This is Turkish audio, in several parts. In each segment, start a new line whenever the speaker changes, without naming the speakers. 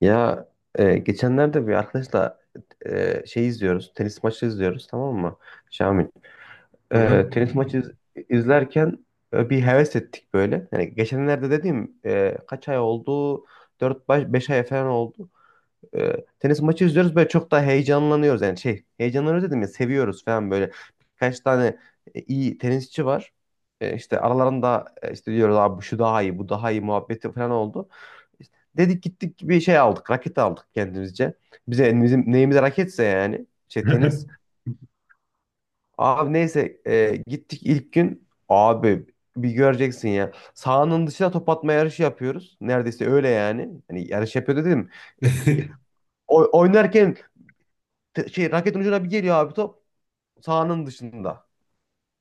Ya geçenlerde bir arkadaşla şey izliyoruz, tenis maçı izliyoruz, tamam mı? Şamil.
Hı hı.
Tenis maçı izlerken bir heves ettik böyle. Yani geçenlerde dediğim, kaç ay oldu? 4 beş ay falan oldu. e, tenis maçı izliyoruz böyle, çok daha heyecanlanıyoruz. Yani şey, heyecanlanıyoruz dedim ya, seviyoruz falan böyle. Birkaç tane iyi tenisçi var. İşte aralarında işte diyoruz abi, bu şu daha iyi, bu daha iyi muhabbeti falan oldu. İşte dedik gittik, bir şey aldık, raket aldık kendimizce. Bize bizim neyimize raketse yani, şey tenis. Abi neyse, gittik ilk gün abi, bir göreceksin ya. Sahanın dışına top atma yarışı yapıyoruz. Neredeyse öyle yani. Hani yarış yapıyor dedim. E, e, oynarken şey raketin ucuna bir geliyor abi top, sahanın dışında.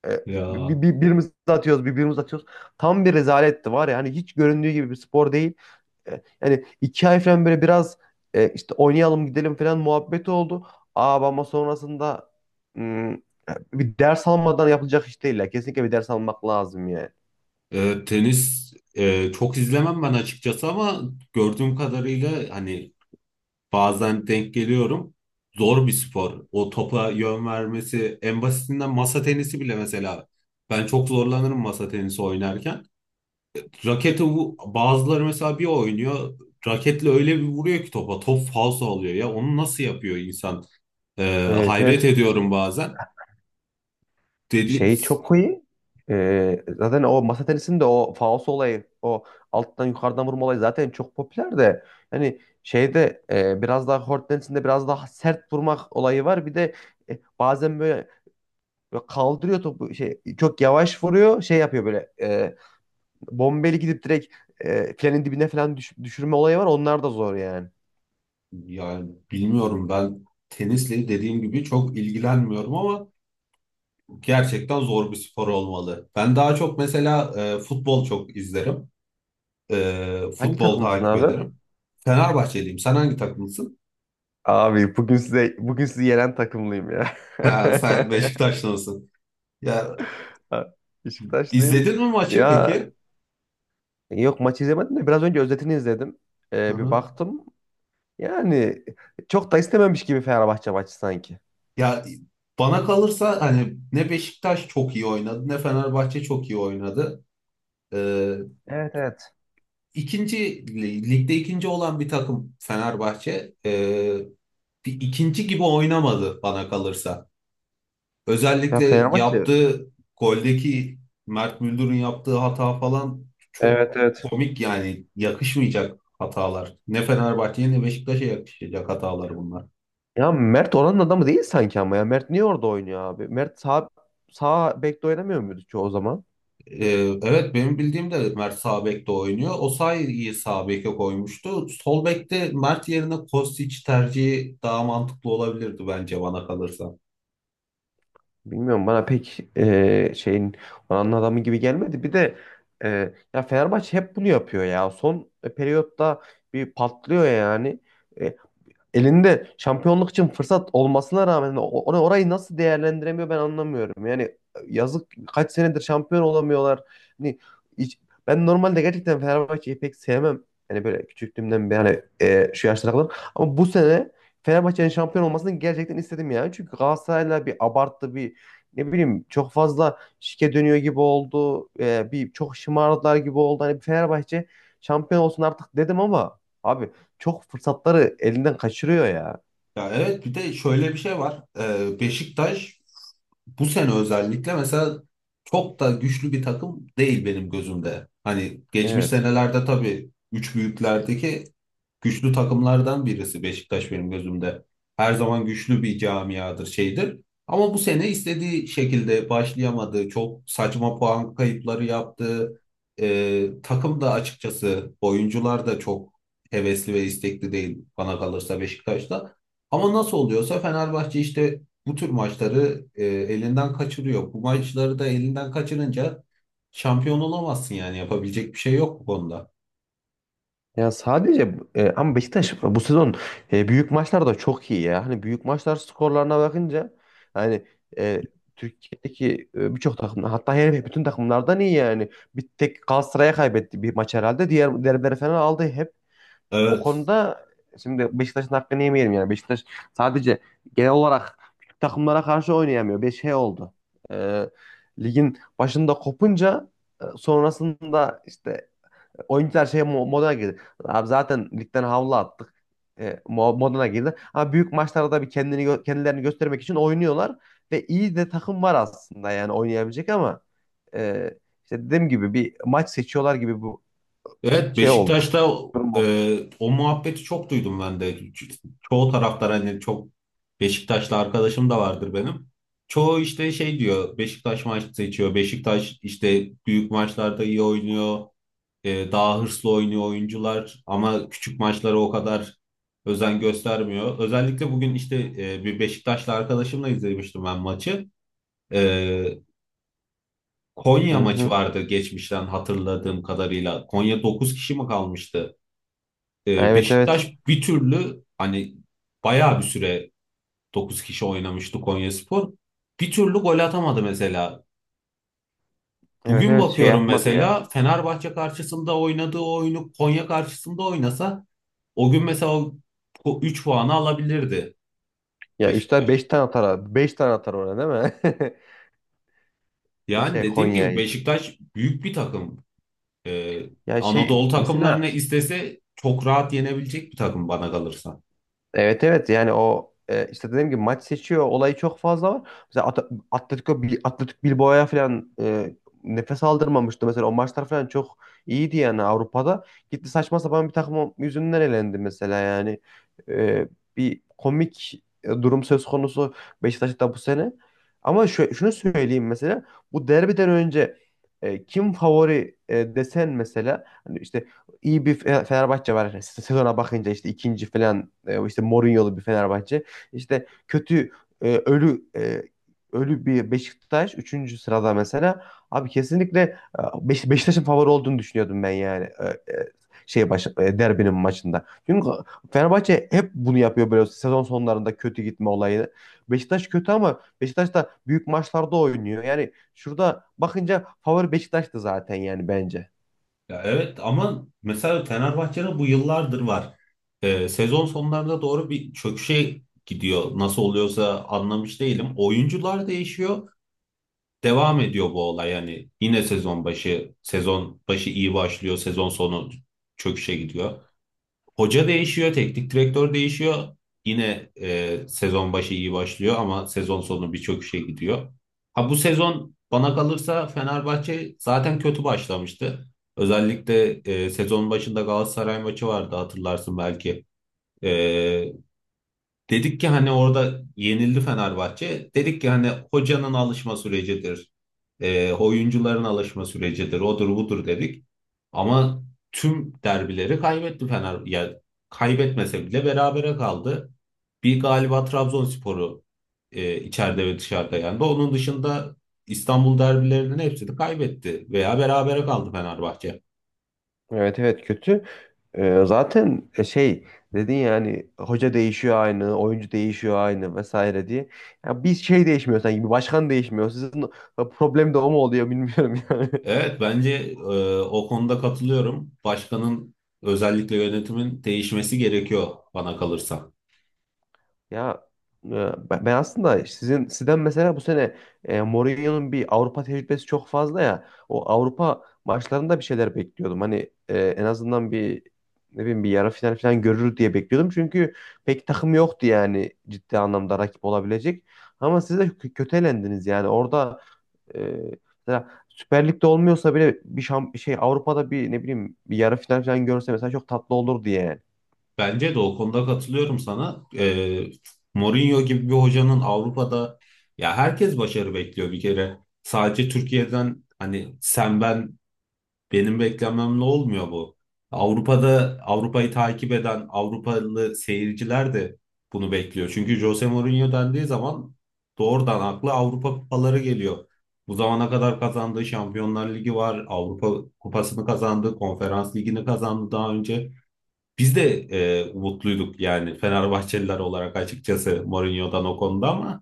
E, bir,
Ya
birimiz atıyoruz, birimiz atıyoruz. Tam bir rezaletti var ya, hani hiç göründüğü gibi bir spor değil. Yani iki ay falan böyle biraz işte oynayalım gidelim falan muhabbeti oldu. Aa, ama sonrasında, hmm, bir ders almadan yapılacak iş değil ya. Kesinlikle bir ders almak lazım yani.
tenis, çok izlemem ben açıkçası ama gördüğüm kadarıyla hani bazen denk geliyorum. Zor bir spor. O topa yön vermesi en basitinden masa tenisi bile mesela. Ben çok zorlanırım masa tenisi oynarken. Bazıları mesela bir oynuyor. Raketle öyle bir vuruyor ki topa. Top falso oluyor ya. Onu nasıl yapıyor insan?
Evet,
Hayret
evet,
ediyorum bazen. Dedi
şey çok iyi. Zaten o masa tenisinde o faos olayı, o alttan yukarıdan vurma olayı zaten çok popüler de. Yani şeyde, biraz daha kort tenisinde biraz daha sert vurmak olayı var. Bir de bazen böyle, böyle kaldırıyor topu, şey çok yavaş vuruyor, şey yapıyor böyle, bombeli gidip direkt filenin dibine falan düşürme olayı var. Onlar da zor yani.
yani bilmiyorum, ben tenisle dediğim gibi çok ilgilenmiyorum ama gerçekten zor bir spor olmalı. Ben daha çok mesela futbol çok izlerim.
Hangi
Futbol
takımsın
takip
abi?
ederim. Fenerbahçeliyim. Sen hangi takımlısın?
Abi bugün size, bugün sizi yenen takımlıyım ya.
Ha, sen Beşiktaşlısın. Ya
Ha, Beşiktaşlıyım.
izledin mi maçı
Ya
peki?
yok, maç izlemedim de biraz önce özetini izledim.
Hı
Bir
hı.
baktım. Yani çok da istememiş gibi Fenerbahçe maçı sanki.
Ya bana kalırsa hani ne Beşiktaş çok iyi oynadı ne Fenerbahçe çok iyi oynadı. Ee,
Evet, evet.
ikinci ligde ikinci olan bir takım Fenerbahçe bir ikinci gibi oynamadı bana kalırsa.
Ya
Özellikle
Fenerbahçe.
yaptığı goldeki Mert Müldür'ün yaptığı hata falan çok
Evet, evet.
komik, yani yakışmayacak hatalar. Ne Fenerbahçe'ye ne Beşiktaş'a yakışacak hatalar bunlar.
Ya Mert oranın adamı değil sanki ama ya. Mert niye orada oynuyor abi? Mert sağ, sağ bekte oynamıyor muydu ki o zaman?
Ee, evet, benim bildiğim de Mert sağ bekte oynuyor. Osayi'yi sağ beke koymuştu. Sol bekte Mert yerine Kostić tercihi daha mantıklı olabilirdi bence, bana kalırsa.
Bilmiyorum, bana pek şeyin oranın adamı gibi gelmedi. Bir de ya Fenerbahçe hep bunu yapıyor ya. Son periyotta bir patlıyor yani. E, elinde şampiyonluk için fırsat olmasına rağmen orayı nasıl değerlendiremiyor ben anlamıyorum. Yani yazık, kaç senedir şampiyon olamıyorlar. Hani hiç- ben normalde gerçekten Fenerbahçe'yi pek sevmem. Yani böyle küçüklüğümden beri, hani şu yaşlara kadar. Ama bu sene Fenerbahçe'nin şampiyon olmasını gerçekten istedim yani. Çünkü Galatasaray'la bir abarttı, bir ne bileyim çok fazla şike dönüyor gibi oldu. E, bir çok şımardılar gibi oldu. Hani bir Fenerbahçe şampiyon olsun artık dedim ama abi, çok fırsatları elinden kaçırıyor ya.
Ya evet, bir de şöyle bir şey var. Beşiktaş bu sene özellikle mesela çok da güçlü bir takım değil benim gözümde. Hani geçmiş
Evet.
senelerde tabii üç büyüklerdeki güçlü takımlardan birisi Beşiktaş benim gözümde. Her zaman güçlü bir camiadır, şeydir. Ama bu sene istediği şekilde başlayamadı. Çok saçma puan kayıpları yaptı. Takım da açıkçası, oyuncular da çok hevesli ve istekli değil bana kalırsa Beşiktaş'ta. Ama nasıl oluyorsa Fenerbahçe işte bu tür maçları elinden kaçırıyor. Bu maçları da elinden kaçırınca şampiyon olamazsın, yani yapabilecek bir şey yok bu konuda.
Ya sadece ama Beşiktaş bu sezon büyük maçlarda çok iyi ya. Hani büyük maçlar skorlarına bakınca hani, e, Türkiye'deki birçok takım, hatta her bütün takımlardan iyi yani. Bir tek Galatasaray'a kaybetti bir maç herhalde. Diğer derbileri falan aldı. Hep o
Evet.
konuda, şimdi Beşiktaş'ın hakkını yemeyelim yani. Beşiktaş sadece genel olarak küçük takımlara karşı oynayamıyor. Bir şey oldu. Ee, ligin başında kopunca sonrasında işte oyuncular şey moduna girdi. Abi zaten ligden havlu attık. Moduna girdi. Ama büyük maçlarda bir kendilerini göstermek için oynuyorlar ve iyi de takım var aslında, yani oynayabilecek ama e, işte dediğim gibi bir maç seçiyorlar gibi bu
Evet,
şey oldu.
Beşiktaş'ta
Durum oldu.
o muhabbeti çok duydum ben de. Çoğu taraftar hani çok, Beşiktaşlı arkadaşım da vardır benim. Çoğu işte şey diyor, Beşiktaş maç seçiyor. Beşiktaş işte büyük maçlarda iyi oynuyor. Daha hırslı oynuyor oyuncular ama küçük maçlara o kadar özen göstermiyor. Özellikle bugün işte, bir Beşiktaşlı arkadaşımla izlemiştim ben maçı. E,
Hı
Konya maçı
hı.
vardı geçmişten hatırladığım kadarıyla. Konya 9 kişi mi kalmıştı?
Ha, evet,
Beşiktaş
evet.
bir türlü hani, bayağı bir süre 9 kişi oynamıştı Konyaspor. Bir türlü gol atamadı mesela.
Evet,
Bugün
evet, şey
bakıyorum
yapmadı ya.
mesela, Fenerbahçe karşısında oynadığı oyunu Konya karşısında oynasa o gün mesela o 3 puanı alabilirdi
Ya Üstad
Beşiktaş.
5 tane atar abi. 5 tane atar oraya, değil mi?
Yani
Şey
dediğim gibi
Konya'ya.
Beşiktaş büyük bir takım. Ee,
Ya şey
Anadolu
mesela,
takımlarını istese çok rahat yenebilecek bir takım bana kalırsa.
evet, evet, yani o, işte dediğim gibi maç seçiyor olayı çok fazla var. Mesela Atletico Atletik Bilbao'ya falan, nefes aldırmamıştı mesela, o maçlar falan çok iyiydi yani Avrupa'da. Gitti, saçma sapan bir takım yüzünden elendi mesela yani. E, bir komik durum söz konusu Beşiktaş'ta bu sene. Ama şunu söyleyeyim mesela, bu derbiden önce kim favori desen mesela hani işte iyi bir Fenerbahçe var. İşte sezona bakınca işte ikinci falan, işte Mourinho'lu bir Fenerbahçe. İşte kötü, e, ölü e, ölü bir Beşiktaş üçüncü sırada mesela. Abi kesinlikle Beşiktaş'ın favori olduğunu düşünüyordum ben yani. Şey derbinin maçında. Çünkü Fenerbahçe hep bunu yapıyor, böyle sezon sonlarında kötü gitme olayını. Beşiktaş kötü ama Beşiktaş da büyük maçlarda oynuyor. Yani şurada bakınca favori Beşiktaş'tı zaten yani, bence.
Ya evet, ama mesela Fenerbahçe'de bu yıllardır var. Sezon sonlarında doğru bir çöküşe gidiyor. Nasıl oluyorsa anlamış değilim. Oyuncular değişiyor, devam ediyor bu olay. Yani yine sezon başı, sezon başı iyi başlıyor, sezon sonu çöküşe gidiyor. Hoca değişiyor, teknik direktör değişiyor. Yine sezon başı iyi başlıyor ama sezon sonu bir çöküşe gidiyor. Ha, bu sezon bana kalırsa Fenerbahçe zaten kötü başlamıştı. Özellikle sezon başında Galatasaray maçı vardı, hatırlarsın belki. E, Dedik ki hani, orada yenildi Fenerbahçe. Dedik ki hani hocanın alışma sürecidir. Oyuncuların alışma sürecidir. Odur budur dedik. Ama tüm derbileri kaybetti Fener. Ya kaybetmese bile berabere kaldı. Bir galiba Trabzonspor'u içeride ve dışarıda yendi. Onun dışında İstanbul derbilerinin hepsini kaybetti veya berabere kaldı Fenerbahçe.
Evet, evet, kötü. Zaten şey dedin yani, hoca değişiyor aynı, oyuncu değişiyor aynı vesaire diye. Ya bir şey değişmiyor sanki, bir başkan değişmiyor. Sizin problem de o mu oluyor bilmiyorum yani.
Evet, bence o konuda katılıyorum. Başkanın, özellikle yönetimin değişmesi gerekiyor bana kalırsa.
Ya e, ben ben aslında sizden mesela bu sene Mourinho'nun bir Avrupa tecrübesi çok fazla ya. O Avrupa maçlarında bir şeyler bekliyordum. Hani en azından bir ne bileyim bir yarı final falan görür diye bekliyordum. Çünkü pek takım yoktu yani ciddi anlamda rakip olabilecek. Ama siz de kötü elendiniz yani. Orada e, mesela Süper Lig'de olmuyorsa bile bir şey Avrupa'da bir ne bileyim bir yarı final falan görse mesela çok tatlı olurdu yani.
Bence de o konuda katılıyorum sana. Mourinho gibi bir hocanın Avrupa'da, ya herkes başarı bekliyor bir kere. Sadece Türkiye'den hani, sen ben, benim beklememle olmuyor bu. Avrupa'da, Avrupa'yı takip eden Avrupalı seyirciler de bunu bekliyor. Çünkü Jose Mourinho dendiği zaman doğrudan akla Avrupa kupaları geliyor. Bu zamana kadar kazandığı Şampiyonlar Ligi var, Avrupa Kupası'nı kazandı, Konferans Ligi'ni kazandı daha önce. Biz de umutluyduk yani Fenerbahçeliler olarak, açıkçası Mourinho'dan o konuda, ama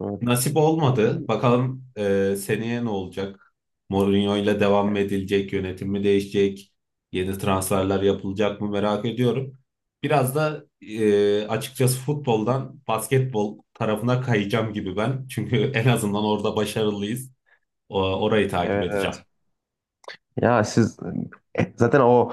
Evet.
nasip
Ama
olmadı.
bilmiyorum.
Bakalım seneye ne olacak? Mourinho ile devam mı edilecek? Yönetim mi değişecek? Yeni transferler yapılacak mı, merak ediyorum. Biraz da açıkçası futboldan basketbol tarafına kayacağım gibi ben. Çünkü en azından orada başarılıyız. Orayı takip
Evet.
edeceğim.
Ya siz zaten o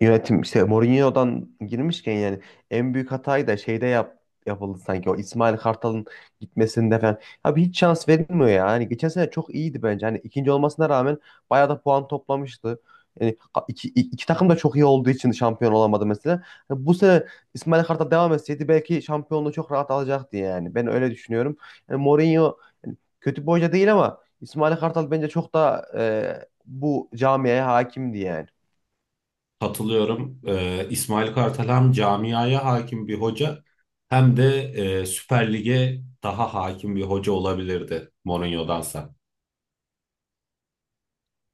yönetim işte Mourinho'dan girmişken yani, en büyük hatayı da şeyde yapıldı sanki, o İsmail Kartal'ın gitmesinde falan. Abi hiç şans verilmiyor ya. Hani geçen sene çok iyiydi bence. Hani ikinci olmasına rağmen bayağı da puan toplamıştı. Yani iki takım da çok iyi olduğu için şampiyon olamadı mesela. Hani bu sene İsmail Kartal devam etseydi belki şampiyonluğu çok rahat alacaktı yani. Ben öyle düşünüyorum. Yani Mourinho yani kötü bir hoca değil ama İsmail Kartal bence çok daha bu camiye hakimdi yani.
Katılıyorum. İsmail Kartal hem camiaya hakim bir hoca, hem de Süper Lig'e daha hakim bir hoca olabilirdi Mourinho'dansa.